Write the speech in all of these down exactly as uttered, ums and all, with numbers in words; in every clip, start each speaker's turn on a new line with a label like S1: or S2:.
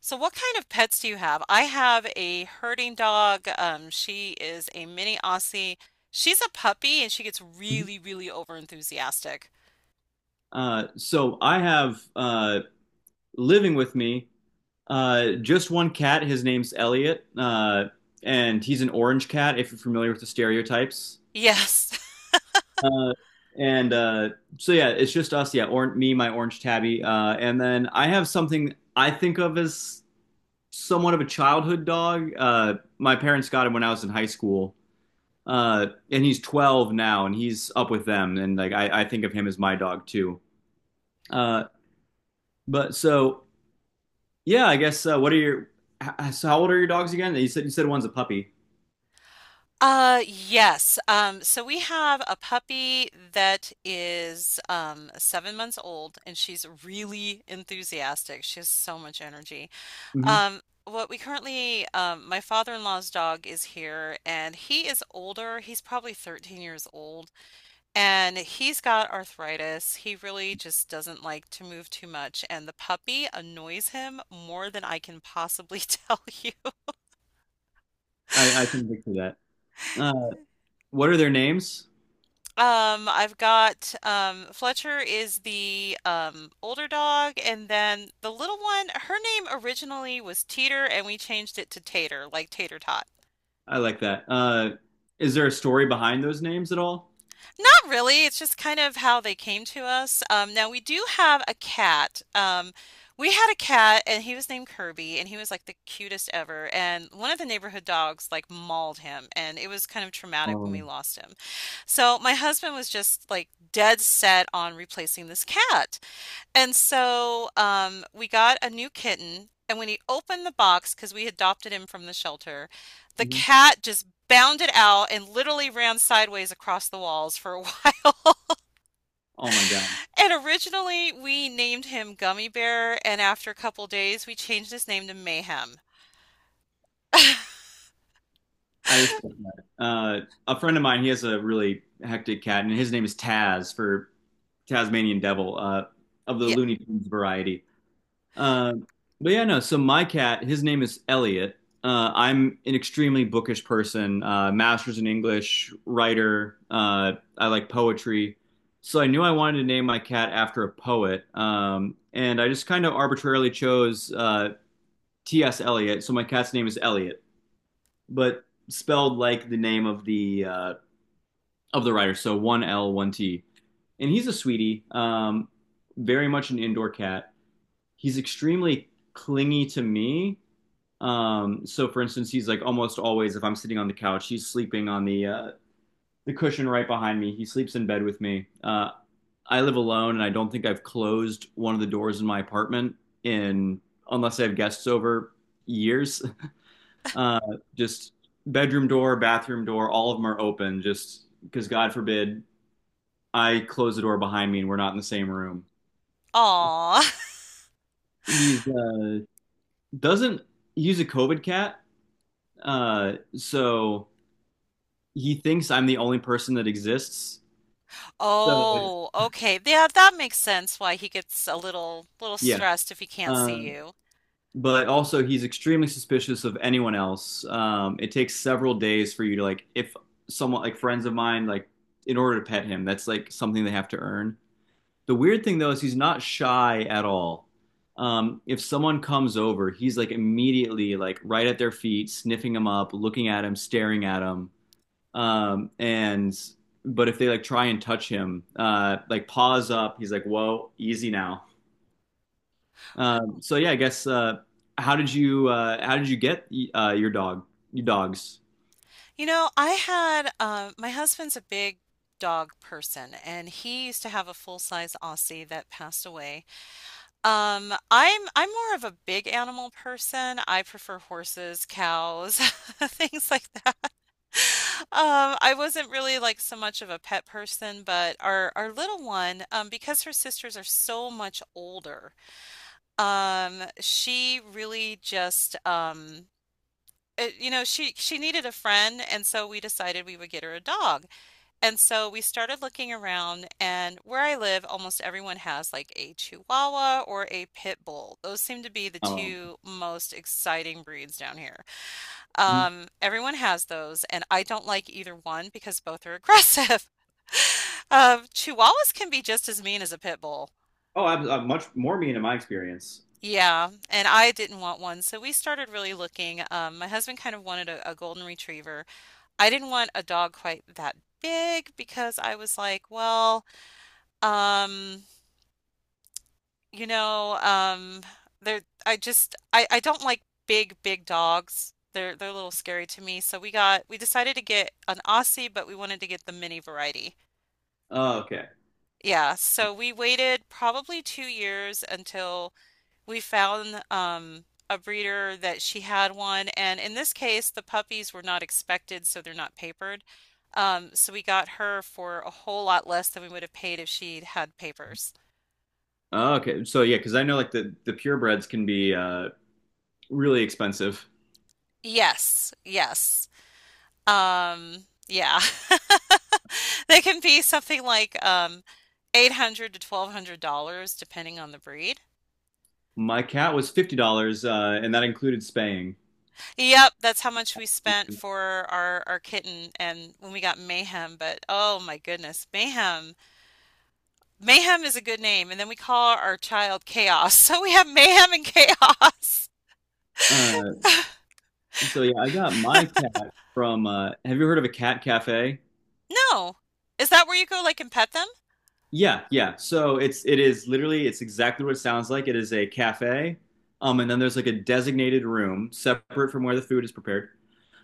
S1: So, what kind of pets do you have? I have a herding dog. Um, she is a mini Aussie. She's a puppy and she gets
S2: Mhm.
S1: really, really over enthusiastic.
S2: Uh, so I have uh, living with me uh, just one cat. His name's Elliot, uh, and he's an orange cat. If you're familiar with the stereotypes,
S1: Yes.
S2: uh, and uh, so yeah, it's just us. Yeah, or me, my orange tabby, uh, and then I have something I think of as somewhat of a childhood dog. Uh, my parents got him when I was in high school, uh, and he's twelve now, and he's up with them. And like I, I think of him as my dog too. Uh, but so yeah, I guess uh, what are your so how old are your dogs again? You said you said one's a puppy.
S1: Uh, yes. Um, so we have a puppy that is um seven months old and she's really enthusiastic. She has so much energy.
S2: hmm
S1: Um, what we currently, um, my father-in-law's dog is here and he is older. He's probably thirteen years old. And he's got arthritis. He really just doesn't like to move too much. And the puppy annoys him more than I can possibly tell you.
S2: I, I can picture that. Uh, what are their names?
S1: Um, I've got um, Fletcher is the um, older dog, and then the little one, her name originally was Teeter, and we changed it to Tater, like Tater Tot.
S2: I like that. Uh, is there a story behind those names at all?
S1: Not really. It's just kind of how they came to us. Um, now we do have a cat. Um, we had a cat, and he was named Kirby, and he was like the cutest ever. And one of the neighborhood dogs like mauled him, and it was kind of traumatic when we
S2: Um,
S1: lost him. So my husband was just like dead set on replacing this cat. And so um, we got a new kitten, and when he opened the box, because we adopted him from the shelter, the
S2: Mhm.
S1: cat just bounded out and literally ran sideways across the walls for a while.
S2: Oh my God.
S1: And originally we named him Gummy Bear, and after a couple days we changed his name to Mayhem.
S2: I respect that. Uh, a friend of mine, he has a really hectic cat, and his name is Taz for Tasmanian Devil, uh, of the
S1: Yeah.
S2: Looney Tunes variety. Uh, but yeah, no. So my cat, his name is Elliot. Uh, I'm an extremely bookish person, uh, master's in English, writer. Uh, I like poetry. So I knew I wanted to name my cat after a poet. Um, and I just kind of arbitrarily chose uh, T S. Eliot. So my cat's name is Elliot but spelled like the name of the uh, of the writer. So one L, one T. And he's a sweetie, um, very much an indoor cat. He's extremely clingy to me. Um, so for instance, he's like almost always if I'm sitting on the couch, he's sleeping on the uh, the cushion right behind me. He sleeps in bed with me. Uh, I live alone, and I don't think I've closed one of the doors in my apartment in unless I have guests over years. Uh, just bedroom door, bathroom door, all of them are open. Just because God forbid I close the door behind me and we're not in the same room.
S1: Aw.
S2: He's uh, doesn't he's a COVID cat, uh, so he thinks I'm the only person that exists. So
S1: Oh, okay. Yeah, that makes sense why he gets a little little
S2: yeah,
S1: stressed if he can't
S2: uh,
S1: see you.
S2: but also he's extremely suspicious of anyone else. Um, it takes several days for you to like if someone like friends of mine like in order to pet him that's like something they have to earn. The weird thing though is he's not shy at all. Um, if someone comes over, he's like immediately like right at their feet, sniffing them up, looking at him, staring at him. Um, and but if they like try and touch him, uh, like paws up, he's like, "Whoa, easy now." Um, so yeah, I guess uh, how did you uh, how did you get uh, your dog your dogs?
S1: You know, I had uh, my husband's a big dog person, and he used to have a full-size Aussie that passed away. Um, I'm I'm more of a big animal person. I prefer horses, cows, things like that. Um, I wasn't really like so much of a pet person, but our our little one, um, because her sisters are so much older, um, she really just um, it, you know, she she needed a friend, and so we decided we would get her a dog. And so we started looking around, and where I live, almost everyone has like a Chihuahua or a Pit Bull. Those seem to be the
S2: Um,
S1: two most exciting breeds down here.
S2: oh,
S1: Um, everyone has those, and I don't like either one because both are aggressive. Um, Chihuahuas can be just as mean as a Pit Bull.
S2: I'm, I'm much more mean in my experience.
S1: Yeah, and I didn't want one, so we started really looking. Um, my husband kind of wanted a, a golden retriever. I didn't want a dog quite that big because I was like, well, um, You know, um, they're I just I I don't like big big dogs. They're they're a little scary to me. So we got we decided to get an Aussie, but we wanted to get the mini variety.
S2: Oh, okay.
S1: Yeah, so we waited probably two years until we found um a breeder that she had one, and in this case, the puppies were not expected, so they're not papered. Um, so we got her for a whole lot less than we would have paid if she'd had papers.
S2: Oh, okay. So yeah, because I know like the the purebreds can be uh, really expensive.
S1: Yes, yes. Um, yeah. They can be something like um eight hundred to twelve hundred dollars depending on the breed.
S2: My cat was fifty dollars, uh, and that included spaying.
S1: Yep, that's how much we spent for our our kitten and when we got Mayhem, but oh my goodness, Mayhem. Mayhem is a good name and then we call our child Chaos. So we have Mayhem and Chaos.
S2: Uh, so yeah, I got my cat from. Uh, have you heard of a cat cafe?
S1: No. Is that where you go like and pet them?
S2: Yeah, yeah. So it's it is literally it's exactly what it sounds like. It is a cafe, um, and then there's like a designated room separate from where the food is prepared.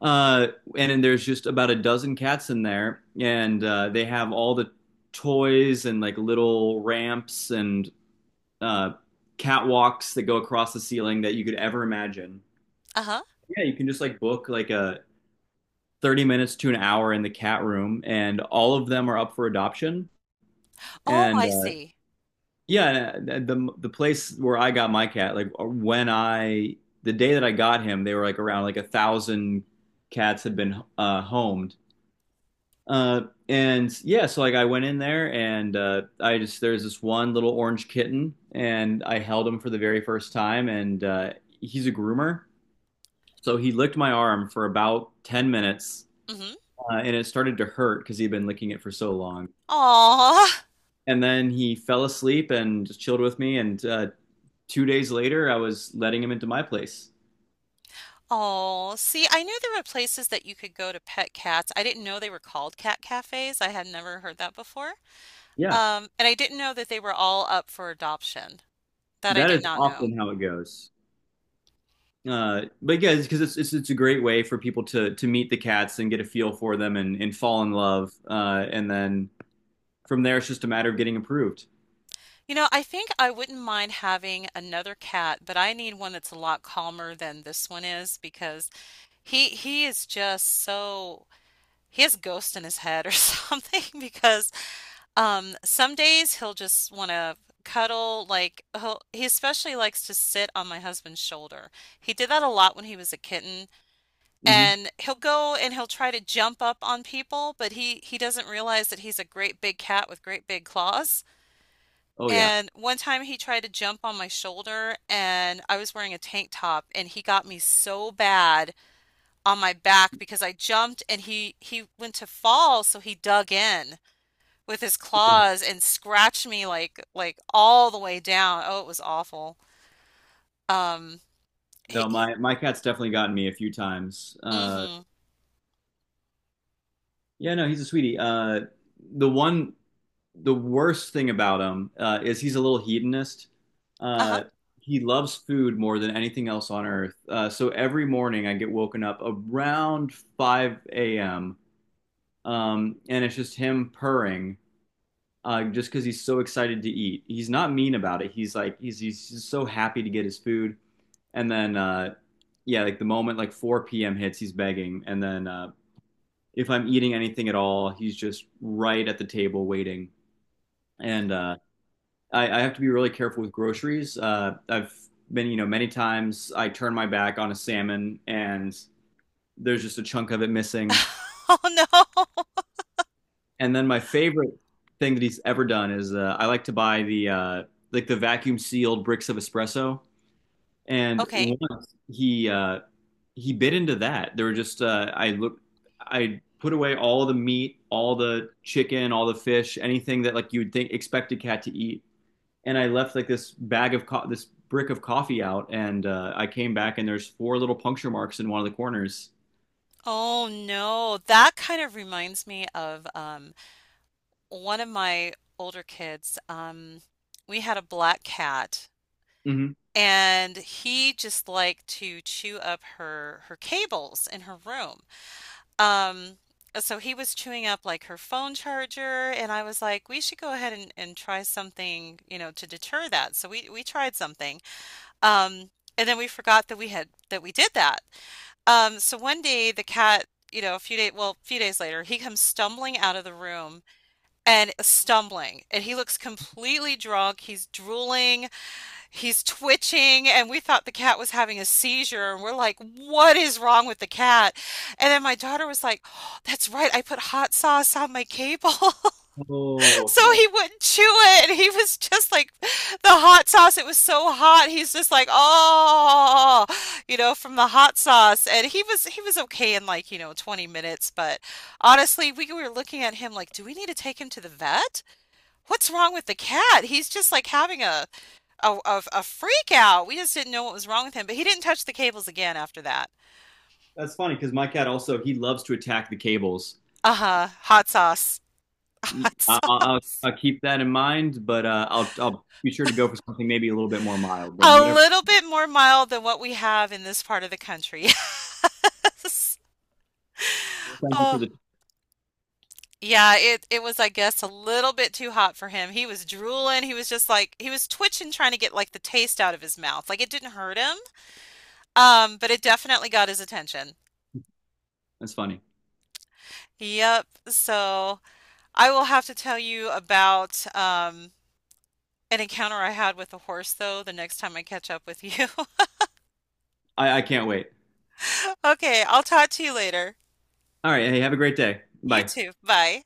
S2: Uh, and then there's just about a dozen cats in there, and uh, they have all the toys and like little ramps and uh, catwalks that go across the ceiling that you could ever imagine.
S1: Uh-huh.
S2: Yeah, you can just like book like a thirty minutes to an hour in the cat room, and all of them are up for adoption.
S1: Oh,
S2: And
S1: I
S2: uh,
S1: see.
S2: yeah, the the place where I got my cat, like when I the day that I got him, they were like around like a thousand cats had been uh, homed. Uh, and yeah, so like I went in there and uh, I just there's this one little orange kitten and I held him for the very first time and uh, he's a groomer. So he licked my arm for about ten minutes,
S1: Mm-hmm.
S2: uh, and it started to hurt because he'd been licking it for so long. And then he fell asleep and just chilled with me. And uh, two days later, I was letting him into my place.
S1: Oh, see, I knew there were places that you could go to pet cats. I didn't know they were called cat cafes. I had never heard that before.
S2: Yeah,
S1: Um, and I didn't know that they were all up for adoption. That I
S2: that is
S1: did not know.
S2: often how it goes. Uh, but yeah, because it's, it's it's a great way for people to to meet the cats and get a feel for them and and fall in love. Uh, and then from there, it's just a matter of getting approved.
S1: You know, I think I wouldn't mind having another cat, but I need one that's a lot calmer than this one is because he he is just so he has ghosts in his head or something, because um some days he'll just want to cuddle, like, he'll, he especially likes to sit on my husband's shoulder. He did that a lot when he was a kitten,
S2: hmm
S1: and he'll go and he'll try to jump up on people, but he he doesn't realize that he's a great big cat with great big claws.
S2: Oh yeah.
S1: And one time he tried to jump on my shoulder and I was wearing a tank top and he got me so bad on my back because I jumped and he he went to fall, so he dug in with his claws and scratched me like like all the way down. Oh, it was awful. Um, he,
S2: No,
S1: he,
S2: my my cat's definitely gotten me a few times. Uh,
S1: mm-hmm.
S2: Yeah, no, he's a sweetie. Uh, the one, the worst thing about him uh, is he's a little hedonist.
S1: Uh-huh.
S2: Uh, he loves food more than anything else on earth. Uh, so every morning I get woken up around five a m. Um, and it's just him purring uh, just because he's so excited to eat. He's not mean about it. He's like he's he's just so happy to get his food. And then uh, yeah, like the moment like four p m hits, he's begging. And then uh, if I'm eating anything at all, he's just right at the table waiting. And uh, I, I have to be really careful with groceries. Uh, I've been, you know, many times I turn my back on a salmon and there's just a chunk of it missing.
S1: Oh no.
S2: And then my favorite thing that he's ever done is uh, I like to buy the uh, like the vacuum sealed bricks of espresso. And
S1: Okay.
S2: once he uh, he bit into that. There were just uh, I look I put away all the meat, all the chicken, all the fish, anything that like you would think expect a cat to eat, and I left like this bag of co- this brick of coffee out, and uh, I came back and there's four little puncture marks in one of the corners.
S1: Oh no. That kind of reminds me of um one of my older kids. Um, we had a black cat
S2: hmm
S1: and he just liked to chew up her her cables in her room. Um, uh, so he was chewing up like her phone charger, and I was like, we should go ahead and, and try something, you know, to deter that. So we we tried something. Um, and then we forgot that we had that we did that. Um, so one day, the cat, you know, a few days, well, a few days later, he comes stumbling out of the room and uh, stumbling, and he looks completely drunk. He's drooling. He's twitching, and we thought the cat was having a seizure. And we're like, what is wrong with the cat? And then my daughter was like, oh, that's right, I put hot sauce on my cable.
S2: Oh,
S1: So
S2: okay.
S1: he wouldn't chew it. And he was just like, the hot sauce, it was so hot. He's just like, oh, you know, from the hot sauce. And he was, he was okay in like, you know, twenty minutes. But honestly, we were looking at him like, do we need to take him to the vet? What's wrong with the cat? He's just like having a a, a, a freak out. We just didn't know what was wrong with him, but he didn't touch the cables again after that.
S2: That's funny because my cat also he loves to attack the cables.
S1: Uh-huh. Hot sauce.
S2: I-
S1: Hot
S2: I'll,
S1: sauce.
S2: I'll, I'll keep that in mind, but uh, I'll I'll be sure to go for something maybe a little bit more mild than
S1: A
S2: whatever.
S1: little bit more mild than what we have in this part of the country. Yes.
S2: Thank you for
S1: Oh,
S2: the.
S1: yeah, it it was, I guess, a little bit too hot for him. He was drooling. He was just like he was twitching, trying to get like the taste out of his mouth. Like, it didn't hurt him, um, but it definitely got his attention.
S2: That's funny.
S1: Yep. So I will have to tell you about um, An encounter I had with a horse, though, the next time I catch up with you.
S2: I, I can't wait.
S1: Okay, I'll talk to you later.
S2: All right. Hey, have a great day.
S1: You
S2: Bye.
S1: too. Bye.